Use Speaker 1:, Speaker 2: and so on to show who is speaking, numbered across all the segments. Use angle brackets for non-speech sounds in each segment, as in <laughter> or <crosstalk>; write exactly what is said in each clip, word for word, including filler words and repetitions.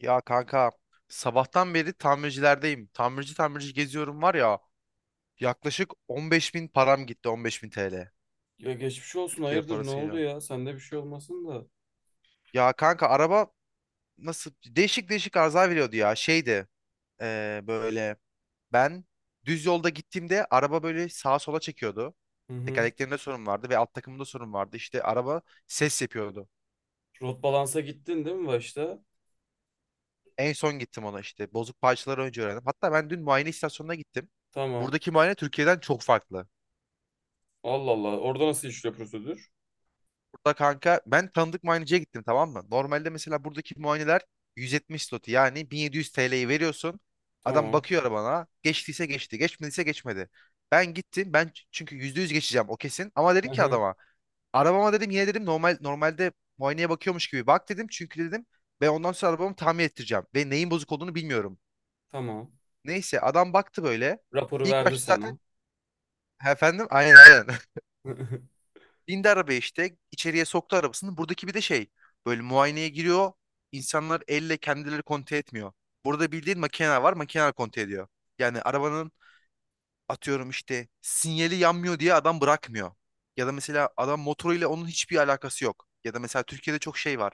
Speaker 1: Ya kanka sabahtan beri tamircilerdeyim. Tamirci tamirci geziyorum var ya, yaklaşık on beş bin param gitti, on beş bin T L.
Speaker 2: Ya geçmiş olsun,
Speaker 1: Türkiye
Speaker 2: hayırdır ne oldu
Speaker 1: parasıyla.
Speaker 2: ya? Sende bir şey olmasın da.
Speaker 1: Ya kanka, araba nasıl değişik değişik arıza veriyordu ya, şeydi, eee, böyle ben düz yolda gittiğimde araba böyle sağa sola çekiyordu.
Speaker 2: Hı hı.
Speaker 1: Tekerleklerinde sorun vardı ve alt takımında sorun vardı. İşte araba ses yapıyordu.
Speaker 2: Rot balansa gittin değil mi başta?
Speaker 1: En son gittim ona, işte bozuk parçaları önce öğrendim. Hatta ben dün muayene istasyonuna gittim.
Speaker 2: Tamam.
Speaker 1: Buradaki muayene Türkiye'den çok farklı.
Speaker 2: Allah Allah. Orada nasıl işliyor prosedür?
Speaker 1: Da kanka, ben tanıdık muayeneciye gittim, tamam mı? Normalde mesela buradaki muayeneler yüz yetmiş zloty, yani bin yedi yüz T L'yi veriyorsun. Adam
Speaker 2: Tamam.
Speaker 1: bakıyor arabana. Geçtiyse geçti, geçmediyse geçmedi. Ben gittim. Ben ç- çünkü yüzde yüz geçeceğim, o kesin. Ama
Speaker 2: Hı
Speaker 1: dedim ki
Speaker 2: hı.
Speaker 1: adama, arabama dedim, yine dedim, normal normalde muayeneye bakıyormuş gibi bak dedim. Çünkü dedim, ben ondan sonra arabamı tamir ettireceğim ve neyin bozuk olduğunu bilmiyorum.
Speaker 2: Tamam.
Speaker 1: Neyse adam baktı böyle.
Speaker 2: Raporu
Speaker 1: İlk
Speaker 2: verdi
Speaker 1: başta zaten
Speaker 2: sana.
Speaker 1: efendim, aynen aynen.
Speaker 2: <laughs>
Speaker 1: Bindi arabaya, işte içeriye soktu arabasını. Buradaki bir de şey, böyle muayeneye giriyor. İnsanlar elle kendileri kontrol etmiyor. Burada bildiğin makine var, makine kontrol ediyor. Yani arabanın, atıyorum işte sinyali yanmıyor diye adam bırakmıyor. Ya da mesela adam motoruyla onun hiçbir alakası yok. Ya da mesela Türkiye'de çok şey var.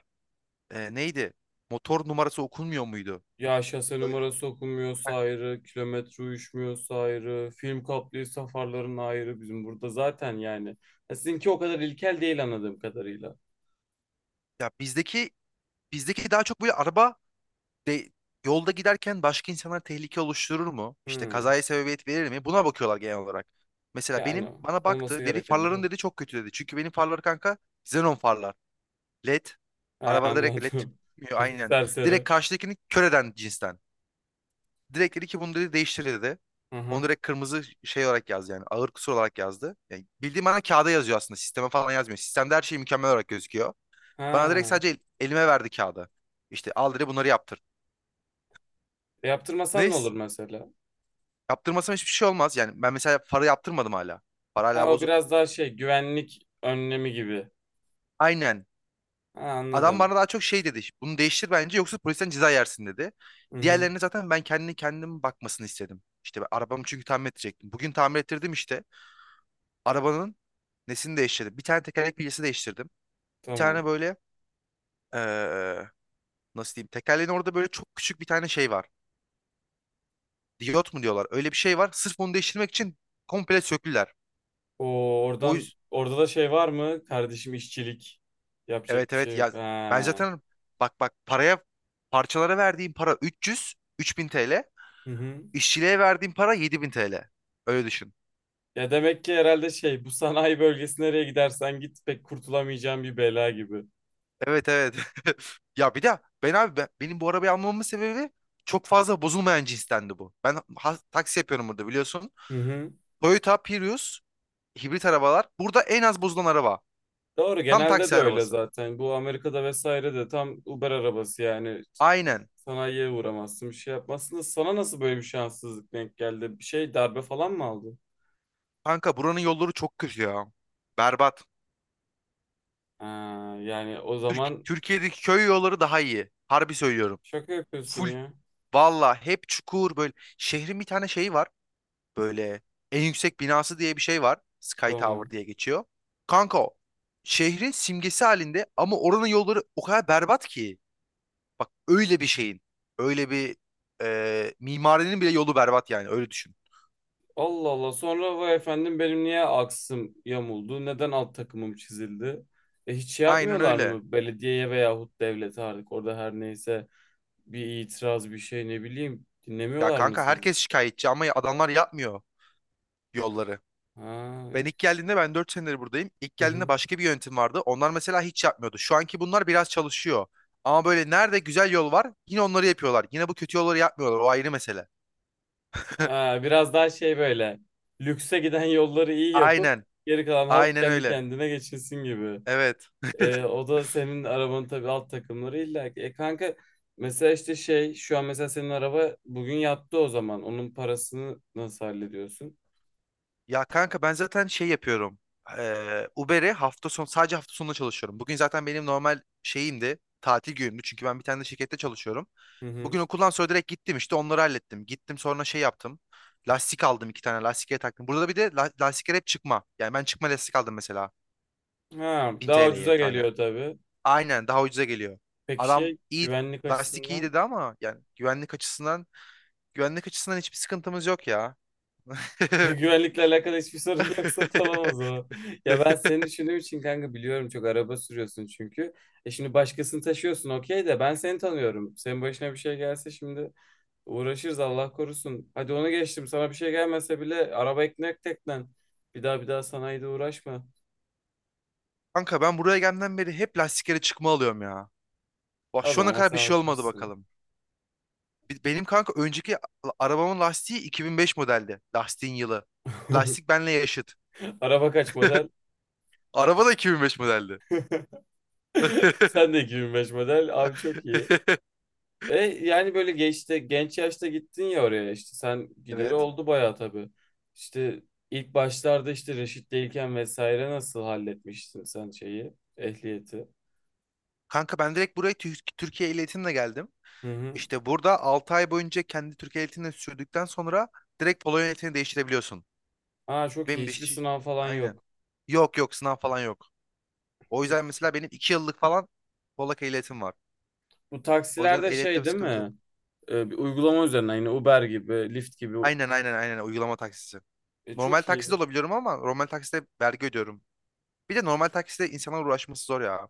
Speaker 1: Ee, neydi? Motor numarası okunmuyor muydu?
Speaker 2: Ya şase
Speaker 1: Öyle.
Speaker 2: numarası okunmuyorsa
Speaker 1: Heh.
Speaker 2: ayrı, kilometre uyuşmuyorsa ayrı, film kaplıysa farların ayrı bizim burada zaten yani. Ya sizinki o kadar ilkel değil anladığım kadarıyla.
Speaker 1: Ya bizdeki bizdeki daha çok böyle araba de, yolda giderken başka insanlara tehlike oluşturur mu? İşte
Speaker 2: Hı.
Speaker 1: kazaya sebebiyet verir mi? Buna bakıyorlar genel olarak. Mesela
Speaker 2: Yani
Speaker 1: benim, bana
Speaker 2: olması
Speaker 1: baktı dedi,
Speaker 2: gereken de
Speaker 1: farların
Speaker 2: o.
Speaker 1: dedi çok kötü dedi. Çünkü benim farlar kanka xenon farlar. LED.
Speaker 2: Ha,
Speaker 1: Araba direkt LED
Speaker 2: anladım. <laughs>
Speaker 1: çıkmıyor
Speaker 2: Hafif
Speaker 1: aynen. Direkt
Speaker 2: serseri.
Speaker 1: karşıdakini kör eden cinsten. Direkt dedi ki, bunu dedi değiştir dedi.
Speaker 2: Hı
Speaker 1: Onu
Speaker 2: hı.
Speaker 1: direkt kırmızı şey olarak yazdı, yani ağır kusur olarak yazdı. Yani bildiğim, bana kağıda yazıyor aslında, sisteme falan yazmıyor. Sistemde her şey mükemmel olarak gözüküyor. Bana direkt
Speaker 2: Ha.
Speaker 1: sadece el- elime verdi kağıdı. İşte al dedi, bunları yaptır.
Speaker 2: Yaptırmasan ne olur
Speaker 1: Neyse.
Speaker 2: mesela?
Speaker 1: Yaptırmasam hiçbir şey olmaz. Yani ben mesela para yaptırmadım hala. Para
Speaker 2: Ha,
Speaker 1: hala
Speaker 2: o
Speaker 1: bozuk.
Speaker 2: biraz daha şey güvenlik önlemi gibi.
Speaker 1: Aynen.
Speaker 2: Ha,
Speaker 1: Adam
Speaker 2: anladım.
Speaker 1: bana daha çok şey dedi. Bunu değiştir bence, yoksa polisten ceza yersin dedi.
Speaker 2: Hı hı,
Speaker 1: Diğerlerine zaten ben kendini kendim bakmasını istedim. İşte ben arabamı çünkü tamir edecektim. Bugün tamir ettirdim işte. Arabanın nesini değiştirdim. Bir tane tekerlek bilyesi değiştirdim. Bir
Speaker 2: tamam.
Speaker 1: tane böyle, eee, nasıl diyeyim, tekerleğin orada böyle çok küçük bir tane şey var. Diyot mu diyorlar. Öyle bir şey var. Sırf onu değiştirmek için komple söküler.
Speaker 2: O
Speaker 1: O,
Speaker 2: oradan,
Speaker 1: yüz-
Speaker 2: orada da şey var mı? Kardeşim işçilik yapacak
Speaker 1: Evet
Speaker 2: bir
Speaker 1: evet
Speaker 2: şey yok.
Speaker 1: ya, ben
Speaker 2: Ha.
Speaker 1: zaten, bak bak paraya, parçalara verdiğim para üç yüz üç bin T L,
Speaker 2: Hı hı.
Speaker 1: işçiliğe verdiğim para yedi bin T L, öyle düşün.
Speaker 2: Ya demek ki herhalde şey, bu sanayi bölgesi nereye gidersen git pek kurtulamayacağın bir bela gibi.
Speaker 1: Evet evet. <laughs> ya bir de ben abi, ben- benim bu arabayı almamın sebebi çok fazla bozulmayan cinstendi bu. Ben ha- taksi yapıyorum burada, biliyorsun.
Speaker 2: Hı hı.
Speaker 1: Toyota Prius hibrit arabalar burada en az bozulan araba,
Speaker 2: Doğru,
Speaker 1: tam
Speaker 2: genelde
Speaker 1: taksi
Speaker 2: de öyle
Speaker 1: arabası.
Speaker 2: zaten. Bu Amerika'da vesaire de tam Uber arabası yani,
Speaker 1: Aynen.
Speaker 2: sanayiye uğramazsın, bir şey yapmazsın da sana nasıl böyle bir şanssızlık denk geldi? Bir şey darbe falan mı aldı?
Speaker 1: Kanka buranın yolları çok kötü ya, berbat.
Speaker 2: Ha, yani o
Speaker 1: Türk-
Speaker 2: zaman
Speaker 1: Türkiye'deki köy yolları daha iyi, harbi söylüyorum.
Speaker 2: şaka yapıyorsun
Speaker 1: Full
Speaker 2: ya.
Speaker 1: Valla hep çukur böyle. Şehrin bir tane şeyi var. Böyle en yüksek binası diye bir şey var. Sky Tower
Speaker 2: Tamam.
Speaker 1: diye geçiyor. Kanka o. Şehrin simgesi halinde ama oranın yolları o kadar berbat ki. Bak öyle bir şeyin. Öyle bir, e, mimarinin bile yolu berbat, yani öyle düşün.
Speaker 2: Allah Allah. Sonra vay efendim benim niye aksım yamuldu? Neden alt takımım çizildi? E hiç şey
Speaker 1: Aynen
Speaker 2: yapmıyorlar
Speaker 1: öyle.
Speaker 2: mı, belediyeye veyahut devlete, artık orada her neyse bir itiraz bir şey, ne bileyim,
Speaker 1: Ya
Speaker 2: dinlemiyorlar mı
Speaker 1: kanka
Speaker 2: sizi?
Speaker 1: herkes şikayetçi ama adamlar yapmıyor yolları.
Speaker 2: Ha.
Speaker 1: Ben ilk geldiğinde ben dört senedir buradayım. İlk
Speaker 2: Hı
Speaker 1: geldiğinde
Speaker 2: hı.
Speaker 1: başka bir yönetim vardı. Onlar mesela hiç yapmıyordu. Şu anki bunlar biraz çalışıyor. Ama böyle nerede güzel yol var yine onları yapıyorlar. Yine bu kötü yolları yapmıyorlar. O ayrı mesele.
Speaker 2: Ha, biraz daha şey, böyle lükse giden yolları iyi yapıp
Speaker 1: Aynen.
Speaker 2: geri kalan halk
Speaker 1: Aynen
Speaker 2: kendi
Speaker 1: öyle.
Speaker 2: kendine geçinsin gibi.
Speaker 1: Evet.
Speaker 2: E,
Speaker 1: <laughs>
Speaker 2: o da senin arabanın tabii, alt takımları illa ki. E kanka, mesela işte şey, şu an mesela senin araba bugün yattı o zaman. Onun parasını nasıl hallediyorsun?
Speaker 1: Ya kanka ben zaten şey yapıyorum. Eee Uber'e hafta sonu, sadece hafta sonunda çalışıyorum. Bugün zaten benim normal şeyimdi. Tatil günümdü. Çünkü ben bir tane de şirkette çalışıyorum.
Speaker 2: Hı hı.
Speaker 1: Bugün okuldan sonra direkt gittim, işte onları hallettim. Gittim sonra şey yaptım. Lastik aldım, iki tane lastiklere taktım. Burada bir de la lastikler hep çıkma. Yani ben çıkma lastik aldım mesela.
Speaker 2: Ha, daha
Speaker 1: bin T L'ye
Speaker 2: ucuza
Speaker 1: tane.
Speaker 2: geliyor tabii.
Speaker 1: Aynen daha ucuza geliyor.
Speaker 2: Peki
Speaker 1: Adam
Speaker 2: şey,
Speaker 1: iyi
Speaker 2: güvenlik
Speaker 1: lastik iyi
Speaker 2: açısından?
Speaker 1: dedi ama yani güvenlik açısından güvenlik açısından hiçbir sıkıntımız yok ya.
Speaker 2: <laughs> Güvenlikle alakalı hiçbir sorun yoksa tamam o
Speaker 1: <laughs>
Speaker 2: zaman. <laughs> Ya ben seni düşündüğüm için kanka, biliyorum çok araba sürüyorsun çünkü. E şimdi başkasını taşıyorsun okey de ben seni tanıyorum. Senin başına bir şey gelse şimdi uğraşırız, Allah korusun. Hadi onu geçtim. Sana bir şey gelmese bile araba ekmek teknen. Bir daha bir daha sanayide uğraşma.
Speaker 1: Kanka ben buraya gelmeden beri hep lastiklere çıkma alıyorum ya. Bak
Speaker 2: O
Speaker 1: şu ana
Speaker 2: zaman
Speaker 1: kadar
Speaker 2: sen
Speaker 1: bir şey olmadı
Speaker 2: alışmışsın.
Speaker 1: bakalım. Bi- Benim kanka önceki a- arabamın lastiği iki bin beş modeldi. Lastiğin yılı. Lastik
Speaker 2: <laughs>
Speaker 1: benle yaşıt.
Speaker 2: Araba kaç model?
Speaker 1: Araba da iki bin beş modeldi.
Speaker 2: <laughs> Sen de
Speaker 1: <laughs>
Speaker 2: iki bin beş model. Abi çok iyi. E yani böyle geçti, genç yaşta gittin ya oraya, işte sen gideri
Speaker 1: Evet.
Speaker 2: oldu bayağı tabii. İşte ilk başlarda işte reşitteyken vesaire nasıl halletmiştin sen şeyi, ehliyeti?
Speaker 1: Kanka ben direkt buraya Tür- Türkiye ehliyetimle geldim.
Speaker 2: Hı hı.
Speaker 1: İşte burada altı ay boyunca kendi Türkiye ehliyetini sürdükten sonra direkt Polonya ehliyetini değiştirebiliyorsun.
Speaker 2: Aa çok iyi,
Speaker 1: Benim de
Speaker 2: hiçbir
Speaker 1: işte-
Speaker 2: sınav falan
Speaker 1: aynen.
Speaker 2: yok.
Speaker 1: Yok yok, sınav falan yok. O yüzden
Speaker 2: Hiç-
Speaker 1: mesela benim iki yıllık falan Polak ehliyetim var.
Speaker 2: Bu
Speaker 1: O yüzden
Speaker 2: taksilerde
Speaker 1: ehliyette
Speaker 2: şey
Speaker 1: bir
Speaker 2: değil
Speaker 1: sıkıntı yok.
Speaker 2: mi? E, bir uygulama üzerinden yine Uber gibi, Lyft gibi.
Speaker 1: Aynen aynen aynen, uygulama taksisi.
Speaker 2: E,
Speaker 1: Normal
Speaker 2: çok
Speaker 1: takside
Speaker 2: iyi.
Speaker 1: olabiliyorum ama normal takside vergi ödüyorum. Bir de normal takside insanlar uğraşması zor ya.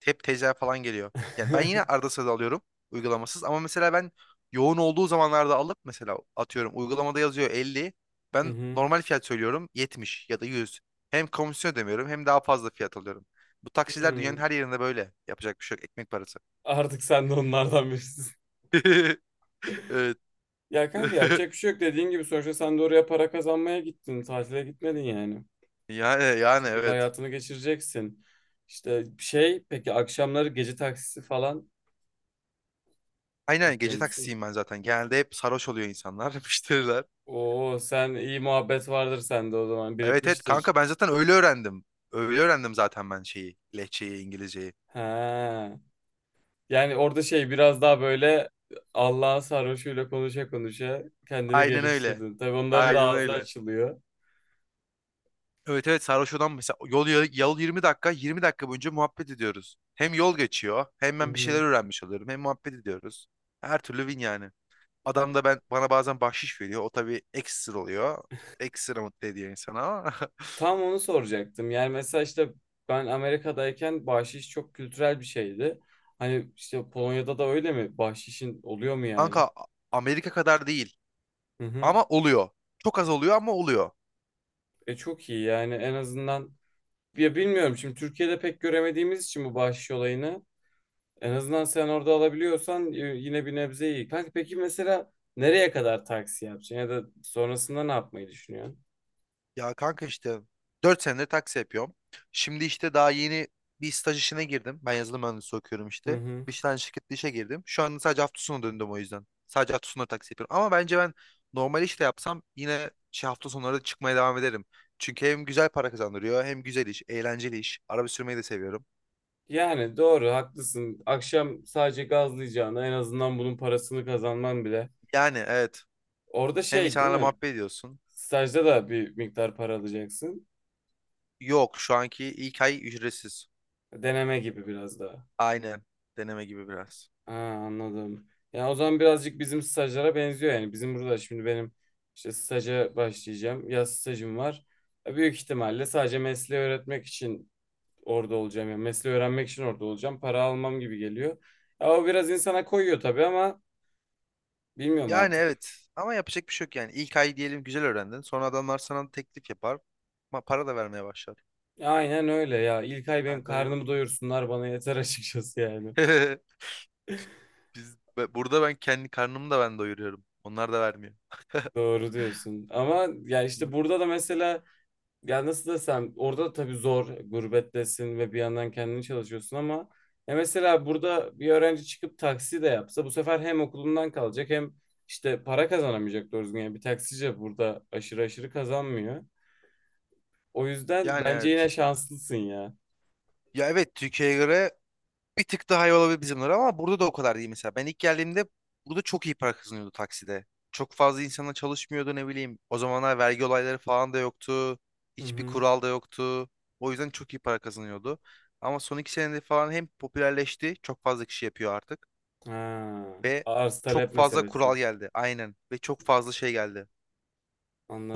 Speaker 1: Hep teyzeler falan geliyor. Yani ben yine
Speaker 2: <laughs>
Speaker 1: arada sırada alıyorum uygulamasız ama mesela ben yoğun olduğu zamanlarda alıp mesela atıyorum uygulamada yazıyor elli.
Speaker 2: Hı
Speaker 1: Ben
Speaker 2: hı.
Speaker 1: normal fiyat söylüyorum yetmiş ya da yüz. Hem komisyon ödemiyorum hem daha fazla fiyat alıyorum. Bu taksiciler dünyanın
Speaker 2: Hı.
Speaker 1: her yerinde böyle. Yapacak bir şey yok. Ekmek parası.
Speaker 2: Artık sen de onlardan birisin. <laughs>
Speaker 1: <laughs> Evet.
Speaker 2: Ya kanka,
Speaker 1: <laughs>
Speaker 2: yapacak bir şey yok, dediğin gibi sonuçta sen de oraya para kazanmaya gittin. Tatile gitmedin yani.
Speaker 1: Yani
Speaker 2: Bir
Speaker 1: yani
Speaker 2: şekilde
Speaker 1: evet.
Speaker 2: hayatını geçireceksin. İşte şey, peki akşamları gece taksisi falan
Speaker 1: Aynen
Speaker 2: yapıyor
Speaker 1: gece
Speaker 2: musun?
Speaker 1: taksisiyim ben zaten. Genelde hep sarhoş oluyor insanlar, <laughs> müşteriler.
Speaker 2: Oo, sen iyi muhabbet vardır sende, o zaman
Speaker 1: Evet evet
Speaker 2: birikmiştir.
Speaker 1: kanka, ben zaten öyle öğrendim. Öyle öğrendim zaten ben şeyi, lehçeyi, İngilizceyi.
Speaker 2: He. Yani orada şey, biraz daha böyle Allah'ın sarhoşuyla konuşa konuşa kendini
Speaker 1: Aynen öyle.
Speaker 2: geliştirdin. Tabii onların da
Speaker 1: Aynen
Speaker 2: ağzı
Speaker 1: öyle.
Speaker 2: açılıyor.
Speaker 1: Evet evet sarhoş olan mesela yol, yol yirmi dakika, yirmi dakika boyunca muhabbet ediyoruz. Hem yol geçiyor, hem
Speaker 2: Hı
Speaker 1: ben bir
Speaker 2: hı.
Speaker 1: şeyler öğrenmiş oluyorum, hem muhabbet ediyoruz. Her türlü win yani. Adam da ben bana bazen bahşiş veriyor. O tabii ekstra oluyor. Ekstra mutlu ediyor insanı ama.
Speaker 2: Tam onu soracaktım. Yani mesela işte, ben Amerika'dayken bahşiş çok kültürel bir şeydi. Hani, işte Polonya'da da öyle mi? Bahşişin oluyor mu
Speaker 1: <laughs>
Speaker 2: yani?
Speaker 1: Kanka, Amerika kadar değil
Speaker 2: Hı hı.
Speaker 1: ama oluyor. Çok az oluyor ama oluyor.
Speaker 2: E çok iyi yani, en azından, ya bilmiyorum, şimdi Türkiye'de pek göremediğimiz için bu bahşiş olayını, en azından sen orada alabiliyorsan y- yine bir nebze iyi. Kanka peki mesela nereye kadar taksi yapacaksın ya da sonrasında ne yapmayı düşünüyorsun?
Speaker 1: Ya kanka işte dört senedir taksi yapıyorum. Şimdi işte daha yeni bir staj işine girdim. Ben yazılım mühendisi okuyorum
Speaker 2: Hı
Speaker 1: işte.
Speaker 2: hı.
Speaker 1: Bir tane şirkette işe girdim. Şu anda sadece hafta sonu döndüm o yüzden. Sadece hafta sonları taksi yapıyorum. Ama bence ben normal işte yapsam yine şey, hafta sonları da çıkmaya devam ederim. Çünkü hem güzel para kazandırıyor, hem güzel iş, eğlenceli iş. Araba sürmeyi de seviyorum.
Speaker 2: Yani doğru, haklısın. Akşam sadece gazlayacağına en azından bunun parasını kazanman bile.
Speaker 1: Yani evet,
Speaker 2: Orada
Speaker 1: hem
Speaker 2: şey değil
Speaker 1: insanlarla
Speaker 2: mi?
Speaker 1: muhabbet ediyorsun.
Speaker 2: Stajda da bir miktar para alacaksın.
Speaker 1: Yok, şu anki ilk ay ücretsiz.
Speaker 2: Deneme gibi biraz daha.
Speaker 1: Aynen deneme gibi biraz.
Speaker 2: Ha, anladım. Yani o zaman birazcık bizim stajlara benziyor yani. Bizim burada şimdi benim işte staja başlayacağım. Yaz stajım var. E, büyük ihtimalle sadece mesleği öğretmek için orada olacağım. Yani mesleği öğrenmek için orada olacağım. Para almam gibi geliyor. Ya o biraz insana koyuyor tabii ama bilmiyorum
Speaker 1: Yani
Speaker 2: artık.
Speaker 1: evet, ama yapacak bir şey yok yani. İlk ay diyelim güzel öğrendin. Sonra adamlar sana teklif yapar. Ama para da vermeye başlar.
Speaker 2: Aynen öyle ya. İlk ay benim
Speaker 1: Ben de öyle
Speaker 2: karnımı
Speaker 1: bakıyorum.
Speaker 2: doyursunlar bana yeter <laughs> açıkçası yani.
Speaker 1: <laughs> Biz, be- burada ben kendi karnımı da ben doyuruyorum. Onlar da vermiyor. <laughs>
Speaker 2: Doğru diyorsun. Ama ya işte burada da mesela, ya nasıl desem, orada da tabii zor, gurbettesin ve bir yandan kendini çalışıyorsun ama ya mesela burada bir öğrenci çıkıp taksi de yapsa bu sefer hem okulundan kalacak hem işte para kazanamayacak doğru düzgün. Yani bir taksici burada aşırı aşırı kazanmıyor. O yüzden
Speaker 1: Yani
Speaker 2: bence
Speaker 1: evet.
Speaker 2: yine şanslısın ya.
Speaker 1: Ya evet, Türkiye'ye göre bir tık daha iyi olabilir bizimler, ama burada da o kadar değil mesela. Ben ilk geldiğimde burada çok iyi para kazanıyordu takside. Çok fazla insana çalışmıyordu ne bileyim. O zamanlar vergi olayları falan da yoktu.
Speaker 2: Hı
Speaker 1: Hiçbir
Speaker 2: hı.
Speaker 1: kural da yoktu. O yüzden çok iyi para kazanıyordu. Ama son iki senede falan hem popülerleşti. Çok fazla kişi yapıyor artık.
Speaker 2: Ha,
Speaker 1: Ve
Speaker 2: arz
Speaker 1: çok
Speaker 2: talep
Speaker 1: fazla
Speaker 2: meselesi.
Speaker 1: kural geldi. Aynen. Ve çok fazla şey geldi.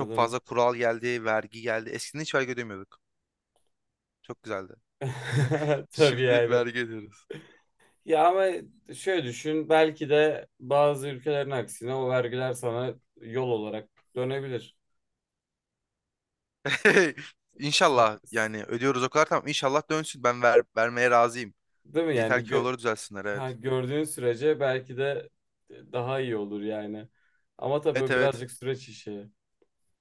Speaker 1: Çok fazla kural geldi, vergi geldi. Eskiden hiç vergi ödemiyorduk. Çok güzeldi. <laughs>
Speaker 2: <laughs> Tabii
Speaker 1: Şimdi
Speaker 2: yani.
Speaker 1: vergi ödüyoruz.
Speaker 2: Ya ama şöyle düşün, belki de bazı ülkelerin aksine o vergiler sana yol olarak dönebilir.
Speaker 1: <laughs>
Speaker 2: Ya,
Speaker 1: İnşallah
Speaker 2: s-
Speaker 1: yani, ödüyoruz o kadar tamam. inşallah dönsün. Ben ver, vermeye razıyım.
Speaker 2: Değil mi yani?
Speaker 1: Yeter ki
Speaker 2: Gö
Speaker 1: olur düzelsinler,
Speaker 2: ha,
Speaker 1: evet.
Speaker 2: gördüğün sürece belki de, e, daha iyi olur yani. Ama tabii
Speaker 1: Evet
Speaker 2: o
Speaker 1: evet.
Speaker 2: birazcık süreç işi.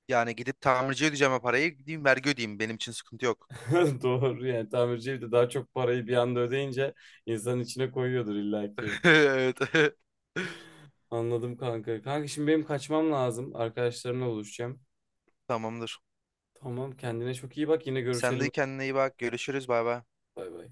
Speaker 1: Yani gidip tamirciye ödeyeceğim o parayı, gideyim vergi ödeyeyim. Benim için sıkıntı yok.
Speaker 2: <laughs> Doğru yani, tamirci de daha çok parayı bir anda ödeyince insanın içine koyuyordur illaki.
Speaker 1: <laughs> Evet. <laughs>
Speaker 2: Anladım kanka. Kanka şimdi benim kaçmam lazım. Arkadaşlarımla buluşacağım.
Speaker 1: Tamamdır.
Speaker 2: Tamam, kendine çok iyi bak, yine
Speaker 1: Sen de
Speaker 2: görüşelim.
Speaker 1: kendine iyi bak. Görüşürüz. Bay bay.
Speaker 2: Bay bay.